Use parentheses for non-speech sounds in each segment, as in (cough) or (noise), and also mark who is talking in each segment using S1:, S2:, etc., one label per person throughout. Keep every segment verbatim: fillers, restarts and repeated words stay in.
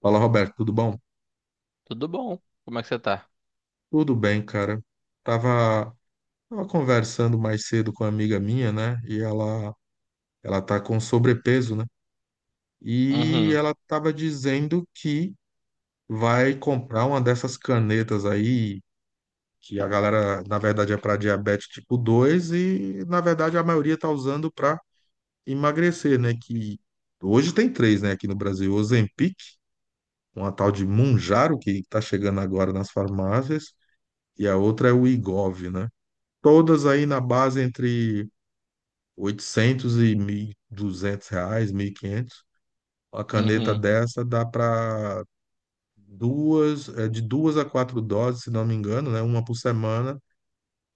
S1: Fala, Roberto, tudo bom?
S2: Tudo bom? Como é que você tá?
S1: Tudo bem, cara. Tava, tava conversando mais cedo com uma amiga minha, né? E ela, ela tá com sobrepeso, né? E
S2: Uhum,
S1: ela tava dizendo que vai comprar uma dessas canetas aí, que a galera, na verdade, é para diabetes tipo dois e, na verdade, a maioria tá usando para emagrecer, né? Que hoje tem três, né, aqui no Brasil, Ozempic, uma tal de Mounjaro que tá chegando agora nas farmácias, e a outra é o Wegovy, né? Todas aí na base entre oitocentos e mil e duzentos reais, mil e quinhentos. A caneta
S2: uhum,
S1: dessa dá para duas, é, de duas a quatro doses, se não me engano, né? Uma por semana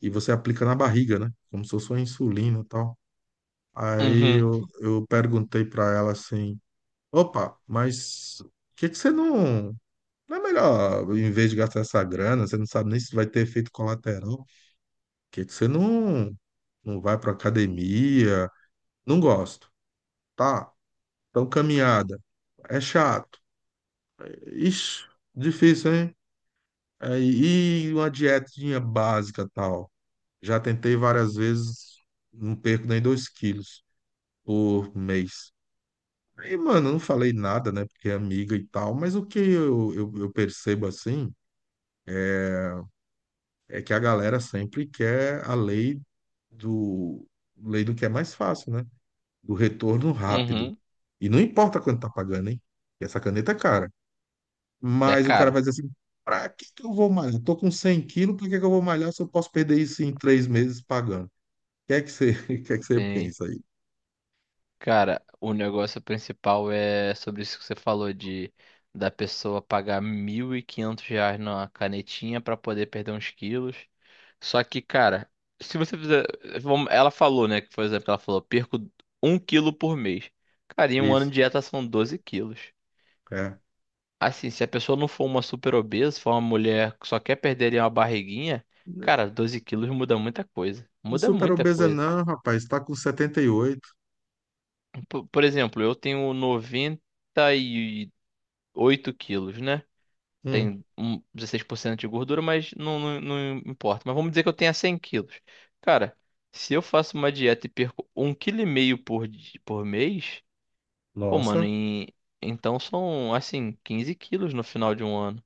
S1: e você aplica na barriga, né? Como se fosse uma insulina e tal. Aí
S2: uhum,
S1: eu, eu perguntei para ela assim, opa, mas por que que você não... Não é melhor, em vez de gastar essa grana, você não sabe nem se vai ter efeito colateral, por que que você não, não vai para academia? Não gosto. Tá, então caminhada. É chato. Ixi, difícil, hein? É, e uma dietinha básica tal. Já tentei várias vezes, não perco nem dois quilos por mês. E, mano, eu não falei nada, né? Porque é amiga e tal, mas o que eu, eu, eu percebo assim é que a galera sempre quer a lei do, lei do que é mais fácil, né? Do retorno rápido.
S2: uhum.
S1: E não importa quanto tá pagando, hein? Essa caneta é cara.
S2: É
S1: Mas o cara
S2: caro.
S1: vai dizer assim: pra que que eu vou malhar? Tô com cem quilos, por que que eu vou malhar se eu posso perder isso em três meses pagando? O que é que você, (laughs) o que é que você
S2: Sim.
S1: pensa aí?
S2: Cara, o negócio principal é sobre isso que você falou de da pessoa pagar mil e quinhentos reais numa canetinha pra poder perder uns quilos. Só que, cara, se você fizer. Vamos- Ela falou, né? Que, por exemplo, ela falou, perco um quilo por mês. Cara, em um ano
S1: Isso.
S2: de dieta são doze quilos.
S1: É.
S2: Assim, se a pessoa não for uma super obesa, for uma mulher que só quer perder ali uma barriguinha, cara, doze quilos muda muita coisa. Muda
S1: Super
S2: muita
S1: obesa
S2: coisa.
S1: não, rapaz. Tá com setenta e oito.
S2: Por, por exemplo, eu tenho noventa e oito quilos, né?
S1: Hum,
S2: Tenho um dezesseis por cento de gordura, mas não, não, não importa. Mas vamos dizer que eu tenha cem quilos. Cara, se eu faço uma dieta e perco um vírgula cinco kg por, di- por mês, pô, mano,
S1: nossa,
S2: em- então são, assim, quinze quilos no final de um ano.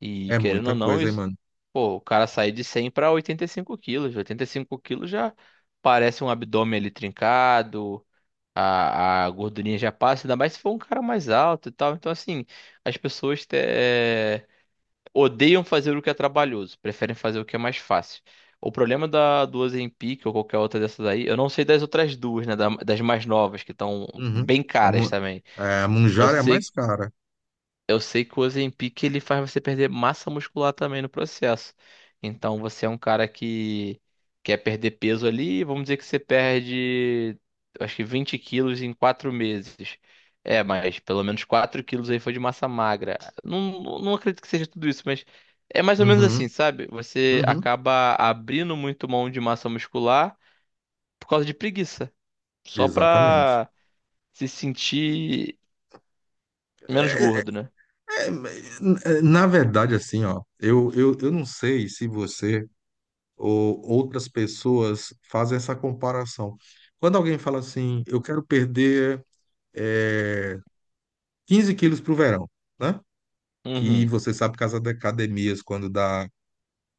S2: E
S1: é
S2: querendo ou
S1: muita
S2: não,
S1: coisa, hein,
S2: isso-
S1: mano?
S2: pô, o cara sair de cem para oitenta e cinco quilos. Oitenta e cinco quilos já parece um abdômen ali trincado, a, a gordurinha já passa, ainda mais se for um cara mais alto e tal. Então, assim, as pessoas te- eh, odeiam fazer o que é trabalhoso, preferem fazer o que é mais fácil. O problema da, do Ozempic ou qualquer outra dessas aí, eu não sei das outras duas, né? Da- das mais novas, que estão
S1: Uhum.
S2: bem
S1: A,
S2: caras
S1: mu-
S2: também.
S1: é, a
S2: Eu
S1: Mounjaro é a mais
S2: sei
S1: cara.
S2: eu sei que o Ozempic ele faz você perder massa muscular também no processo. Então você é um cara que quer perder peso ali, vamos dizer que você perde, eu acho que vinte quilos em quatro meses. É, mas pelo menos quatro quilos aí foi de massa magra. Não, não não acredito que seja tudo isso, mas é mais ou menos
S1: Uhum,
S2: assim, sabe? Você
S1: uhum.
S2: acaba abrindo muito mão de massa muscular por causa de preguiça, só
S1: Exatamente.
S2: pra se sentir menos
S1: É,
S2: gordo, né?
S1: é, é, Na verdade, assim, ó, eu, eu, eu não sei se você ou outras pessoas fazem essa comparação. Quando alguém fala assim, eu quero perder eh, 15 quilos para o verão, né? Que
S2: Uhum,
S1: você sabe que as academias, quando dá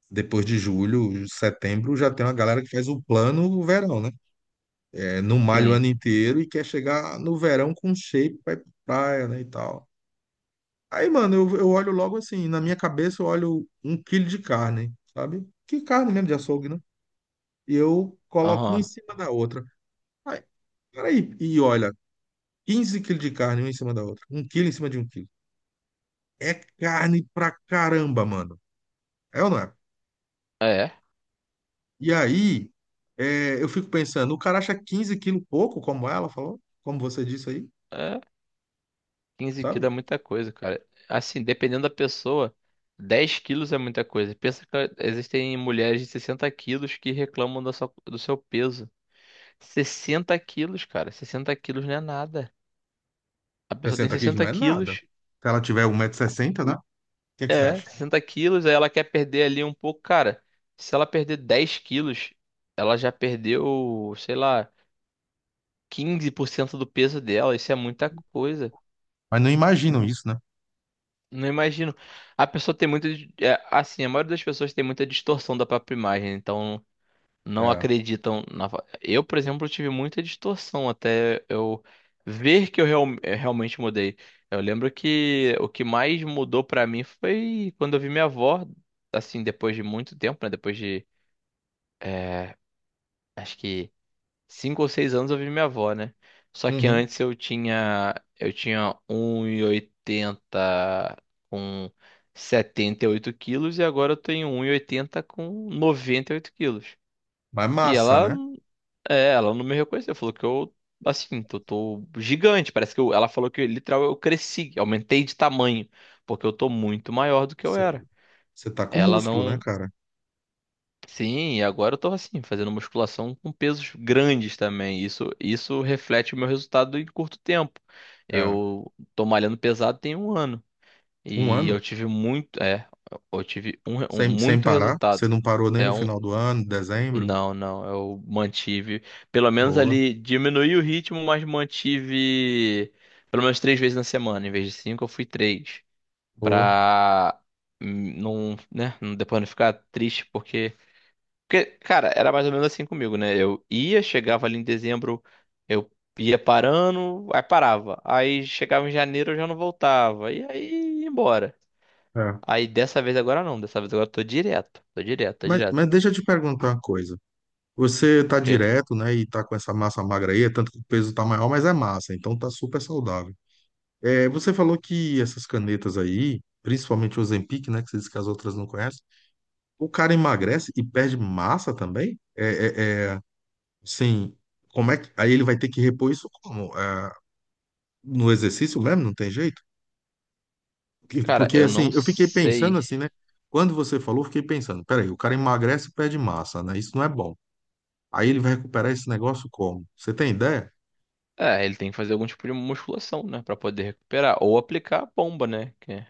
S1: depois de julho, setembro, já tem uma galera que faz o plano o verão, né? É, não malha o
S2: sim.
S1: ano inteiro e quer chegar no verão com shape, vai pra praia, né, e tal. Aí, mano, eu, eu olho logo assim, na minha cabeça eu olho um quilo de carne, sabe? Que carne mesmo de açougue, né? E eu coloco uma em
S2: Aham.
S1: cima da outra. Peraí, e olha, quinze quilos de carne uma em cima da outra, um quilo em cima de um quilo. É carne pra caramba, mano. É ou não é?
S2: É,
S1: E aí, é, eu fico pensando, o cara acha quinze quilos pouco, como ela falou, como você disse aí,
S2: é, quinze
S1: sabe?
S2: quilos é muita coisa, cara. Assim, dependendo da pessoa, dez quilos é muita coisa. Pensa que existem mulheres de sessenta quilos que reclamam da sua- do seu peso. Sessenta quilos, cara. Sessenta quilos não é nada. A pessoa tem
S1: sessenta quilos
S2: sessenta
S1: não é nada.
S2: quilos,
S1: Se ela tiver um 160 sessenta, né? O que é que você
S2: é,
S1: acha?
S2: sessenta quilos, aí ela quer perder ali um pouco. Cara, se ela perder dez quilos, ela já perdeu, sei lá, quinze por cento do peso dela. Isso é muita coisa.
S1: Mas não imaginam isso, né?
S2: Não imagino. A pessoa tem muita. di- é, assim, a maioria das pessoas tem muita distorção da própria imagem, então não
S1: É.
S2: acreditam na. Fa- Eu, por exemplo, tive muita distorção até eu ver que eu real- é, realmente mudei. Eu lembro que o que mais mudou pra mim foi quando eu vi minha avó, assim, depois de muito tempo, né? Depois de. é, Acho que cinco ou seis anos eu vi minha avó, né? Só que
S1: Uhum.
S2: antes eu tinha eu tinha um e oitenta com setenta e oito quilos e agora eu tenho um e oitenta com noventa e oito quilos.
S1: Mas
S2: E
S1: massa,
S2: ela,
S1: né?
S2: é, ela não me reconheceu, falou que eu, assim, eu tô gigante, parece que eu, ela falou que literal eu cresci, aumentei de tamanho, porque eu tô muito maior do que eu era.
S1: Você tá com
S2: Ela
S1: músculo, né,
S2: não,
S1: cara?
S2: Sim, e agora eu tô assim, fazendo musculação com pesos grandes também. Isso, isso reflete o meu resultado em curto tempo.
S1: É.
S2: Eu tô malhando pesado tem um ano
S1: Um
S2: e
S1: ano,
S2: eu tive muito, é, eu tive um, re- um-
S1: sem, sem
S2: muito
S1: parar.
S2: resultado.
S1: Você não parou nem
S2: É
S1: no
S2: um,
S1: final do ano, dezembro.
S2: não, não, eu mantive, pelo menos
S1: Boa,
S2: ali diminui o ritmo, mas mantive pelo menos três vezes na semana. Em vez de cinco, eu fui três.
S1: boa.
S2: Pra hum, não, né, não- depois não ficar triste porque porque, cara, era mais ou menos assim comigo, né? Eu ia, chegava ali em dezembro, eu ia parando, aí parava. Aí chegava em janeiro, eu já não voltava. E aí ia embora.
S1: É.
S2: Aí dessa vez agora não, dessa vez agora eu tô direto, tô direto, tô
S1: Mas,
S2: direto.
S1: mas deixa eu te perguntar uma coisa. Você tá
S2: Porque,
S1: direto, né, e tá com essa massa magra aí, é tanto que o peso tá maior, mas é massa, então tá super saudável. É, você falou que essas canetas aí, principalmente o Ozempic, né, que você disse que as outras não conhecem, o cara emagrece e perde massa também? É, é, é, sim, como é que... Aí ele vai ter que repor isso como? É, no exercício mesmo, não tem jeito? Porque,
S2: cara,
S1: porque,
S2: eu
S1: assim,
S2: não
S1: eu fiquei pensando
S2: sei.
S1: assim, né, quando você falou, eu fiquei pensando, peraí, o cara emagrece e perde massa, né, isso não é bom. Aí ele vai recuperar esse negócio como? Você tem ideia?
S2: É, ele tem que fazer algum tipo de musculação, né, pra poder recuperar ou aplicar a bomba, né? que-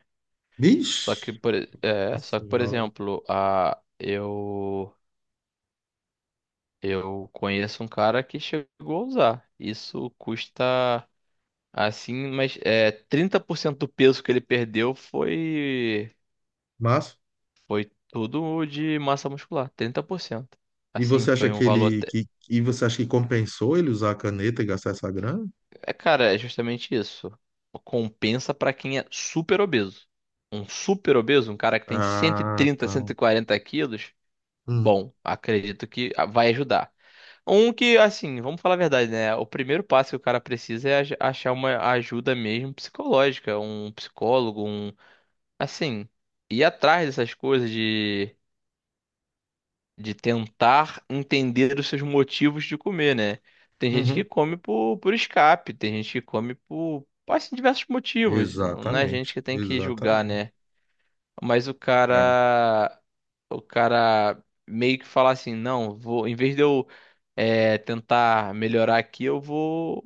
S2: Só que
S1: Vixe,
S2: por, e- é,
S1: nossa
S2: só que por
S1: senhora.
S2: exemplo, a eu eu conheço um cara que chegou a usar. Isso custa Assim, mas é, Trinta por cento do peso que ele perdeu foi
S1: Mas,
S2: foi tudo de massa muscular, trinta por cento,
S1: e
S2: assim,
S1: você acha
S2: foi
S1: que
S2: um valor
S1: ele
S2: até...
S1: que e você acha que compensou ele usar a caneta e gastar essa grana?
S2: É, cara, é justamente isso. Compensa pra quem é super obeso. Um super obeso, um cara que tem cento cento e
S1: Ah,
S2: trinta
S1: tá.
S2: cento e quarenta quilos,
S1: Hum,
S2: bom, acredito que vai ajudar. Um que, assim, vamos falar a verdade, né? O primeiro passo que o cara precisa é ach- achar uma ajuda mesmo psicológica, um psicólogo, um Assim, ir atrás dessas coisas de, de tentar entender os seus motivos de comer, né? Tem gente que
S1: uhum.
S2: come por, por escape, tem gente que come por, por assim, diversos motivos. Não, não é a
S1: Exatamente,
S2: gente que tem que julgar,
S1: exatamente.
S2: né? Mas o
S1: É,
S2: cara, o cara meio que fala assim, não, vou, em vez de eu é, tentar melhorar aqui, eu vou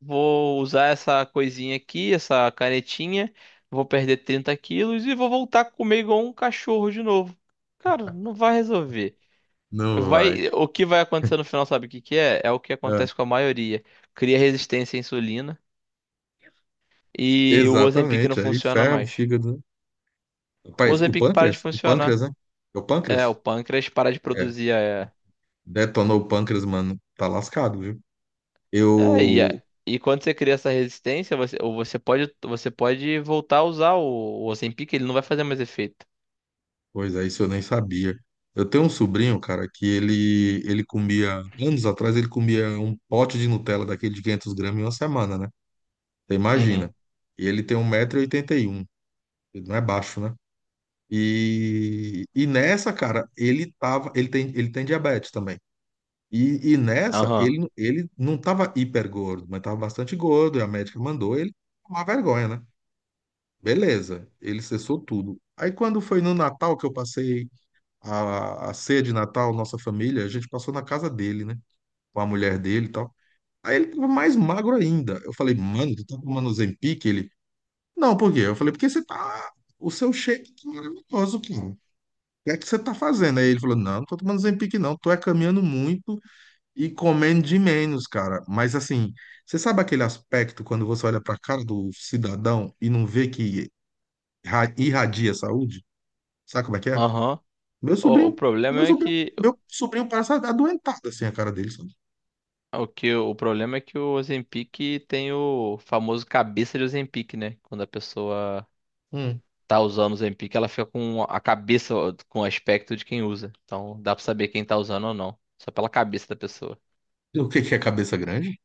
S2: vou usar essa coisinha aqui, essa canetinha. Vou perder trinta quilos e vou voltar a comer igual um cachorro de novo. Cara, não vai resolver.
S1: não vai.
S2: Vai, o que vai acontecer no final, sabe o que que é? É o que
S1: É,
S2: acontece com a maioria. Cria resistência à insulina e o Ozempic não
S1: exatamente. Aí
S2: funciona
S1: ferro,
S2: mais.
S1: fígado, né?
S2: O
S1: Rapaz, o
S2: Ozempic para de
S1: pâncreas? O
S2: funcionar.
S1: pâncreas, né? É o
S2: É, o
S1: pâncreas?
S2: pâncreas para de
S1: É.
S2: produzir a... É,
S1: Detonou o pâncreas, mano. Tá lascado, viu?
S2: é, e, a-
S1: Eu,
S2: e quando você cria essa resistência, você, ou você pode, você pode voltar a usar o, o Ozempic, ele não vai fazer mais efeito.
S1: Pois é, isso eu nem sabia. Eu tenho um sobrinho, cara, que ele ele comia, anos atrás, ele comia um pote de Nutella daquele de quinhentos gramas em uma semana, né? Você imagina.
S2: Uhum.
S1: E ele tem um 1,81m, ele não é baixo, né? E, e nessa, cara, ele tava, ele tem, ele tem diabetes também. E, e nessa,
S2: Aham.
S1: ele, ele não tava hiper gordo, mas tava bastante gordo, e a médica mandou ele tomar vergonha, né? Beleza, ele cessou tudo. Aí quando foi no Natal que eu passei a, a ceia de Natal, nossa família, a gente passou na casa dele, né? Com a mulher dele e tal. Aí ele tava mais magro ainda. Eu falei, mano, tu tá tomando Ozempic? Ele, não, por quê? Eu falei, porque você tá. O seu shake tá maravilhoso, cara. O que é que você tá fazendo? Aí ele falou, não, não tô tomando Ozempic, não. Tô é caminhando muito e comendo de menos, cara. Mas assim, você sabe aquele aspecto quando você olha pra cara do cidadão e não vê que irra- irradia saúde? Sabe como é que é?
S2: Aham.
S1: Meu
S2: O, o
S1: sobrinho,
S2: problema
S1: meu
S2: é
S1: sobrinho,
S2: que
S1: meu sobrinho passa adoentado assim a cara dele, sabe?
S2: o que o problema é que o Ozempic tem o famoso cabeça de Ozempic, né? Quando a pessoa
S1: Hum.
S2: tá usando o Ozempic, ela fica com a cabeça com o aspecto de quem usa. Então dá pra saber quem tá usando ou não, só pela cabeça da pessoa.
S1: O que que é cabeça grande?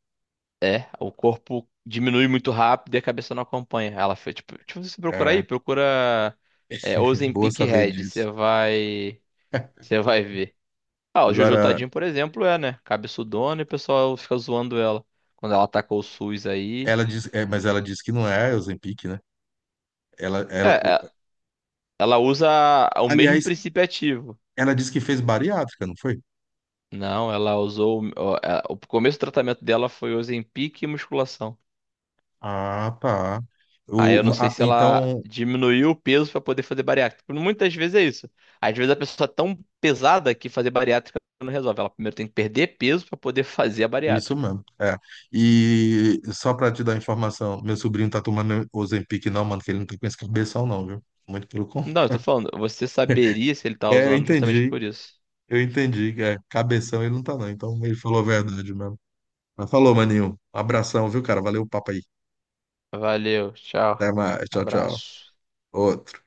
S2: É, o corpo diminui muito rápido e a cabeça não acompanha. Ela foi tipo, tipo Você procurar aí,
S1: É,
S2: procura é,
S1: (laughs) boa
S2: Ozempic
S1: saber
S2: Head, você
S1: disso.
S2: vai você vai ver. Ah, o Jojo
S1: Agora,
S2: Tadinho, por exemplo, é, né? Cabeçudona e o pessoal fica zoando ela. Quando ela atacou o SUS aí.
S1: ela diz, é, mas ela diz que não é Ozempic, né? Ela, ela,
S2: É,
S1: o-
S2: é, ela usa o mesmo
S1: aliás,
S2: princípio ativo.
S1: ela disse que fez bariátrica, não foi?
S2: Não, ela usou. O, o é, o começo do tratamento dela foi Ozempic e musculação.
S1: Ah, tá.
S2: Aí
S1: O,
S2: eu não sei
S1: a-
S2: se ela
S1: então,
S2: diminuiu o peso pra poder fazer bariátrica. Porque muitas vezes é isso. Às vezes a pessoa é tão pesada que fazer bariátrica não resolve. Ela primeiro tem que perder peso pra poder (laughs) fazer a
S1: isso
S2: bariátrica.
S1: mesmo. É. E só pra te dar informação, meu sobrinho tá tomando Ozempic, não, mano, que ele não tá com esse cabeção, não, viu? Muito pelo
S2: Não, eu
S1: contrário.
S2: tô falando, você saberia se ele tá
S1: É, eu
S2: usando justamente
S1: entendi.
S2: por isso.
S1: Eu entendi que é cabeção ele não tá, não. Então ele falou a verdade mesmo. Mas falou, maninho. Um abração, viu, cara? Valeu o papo aí.
S2: Valeu, tchau.
S1: Até mais. Tchau, tchau.
S2: Abraço.
S1: Outro.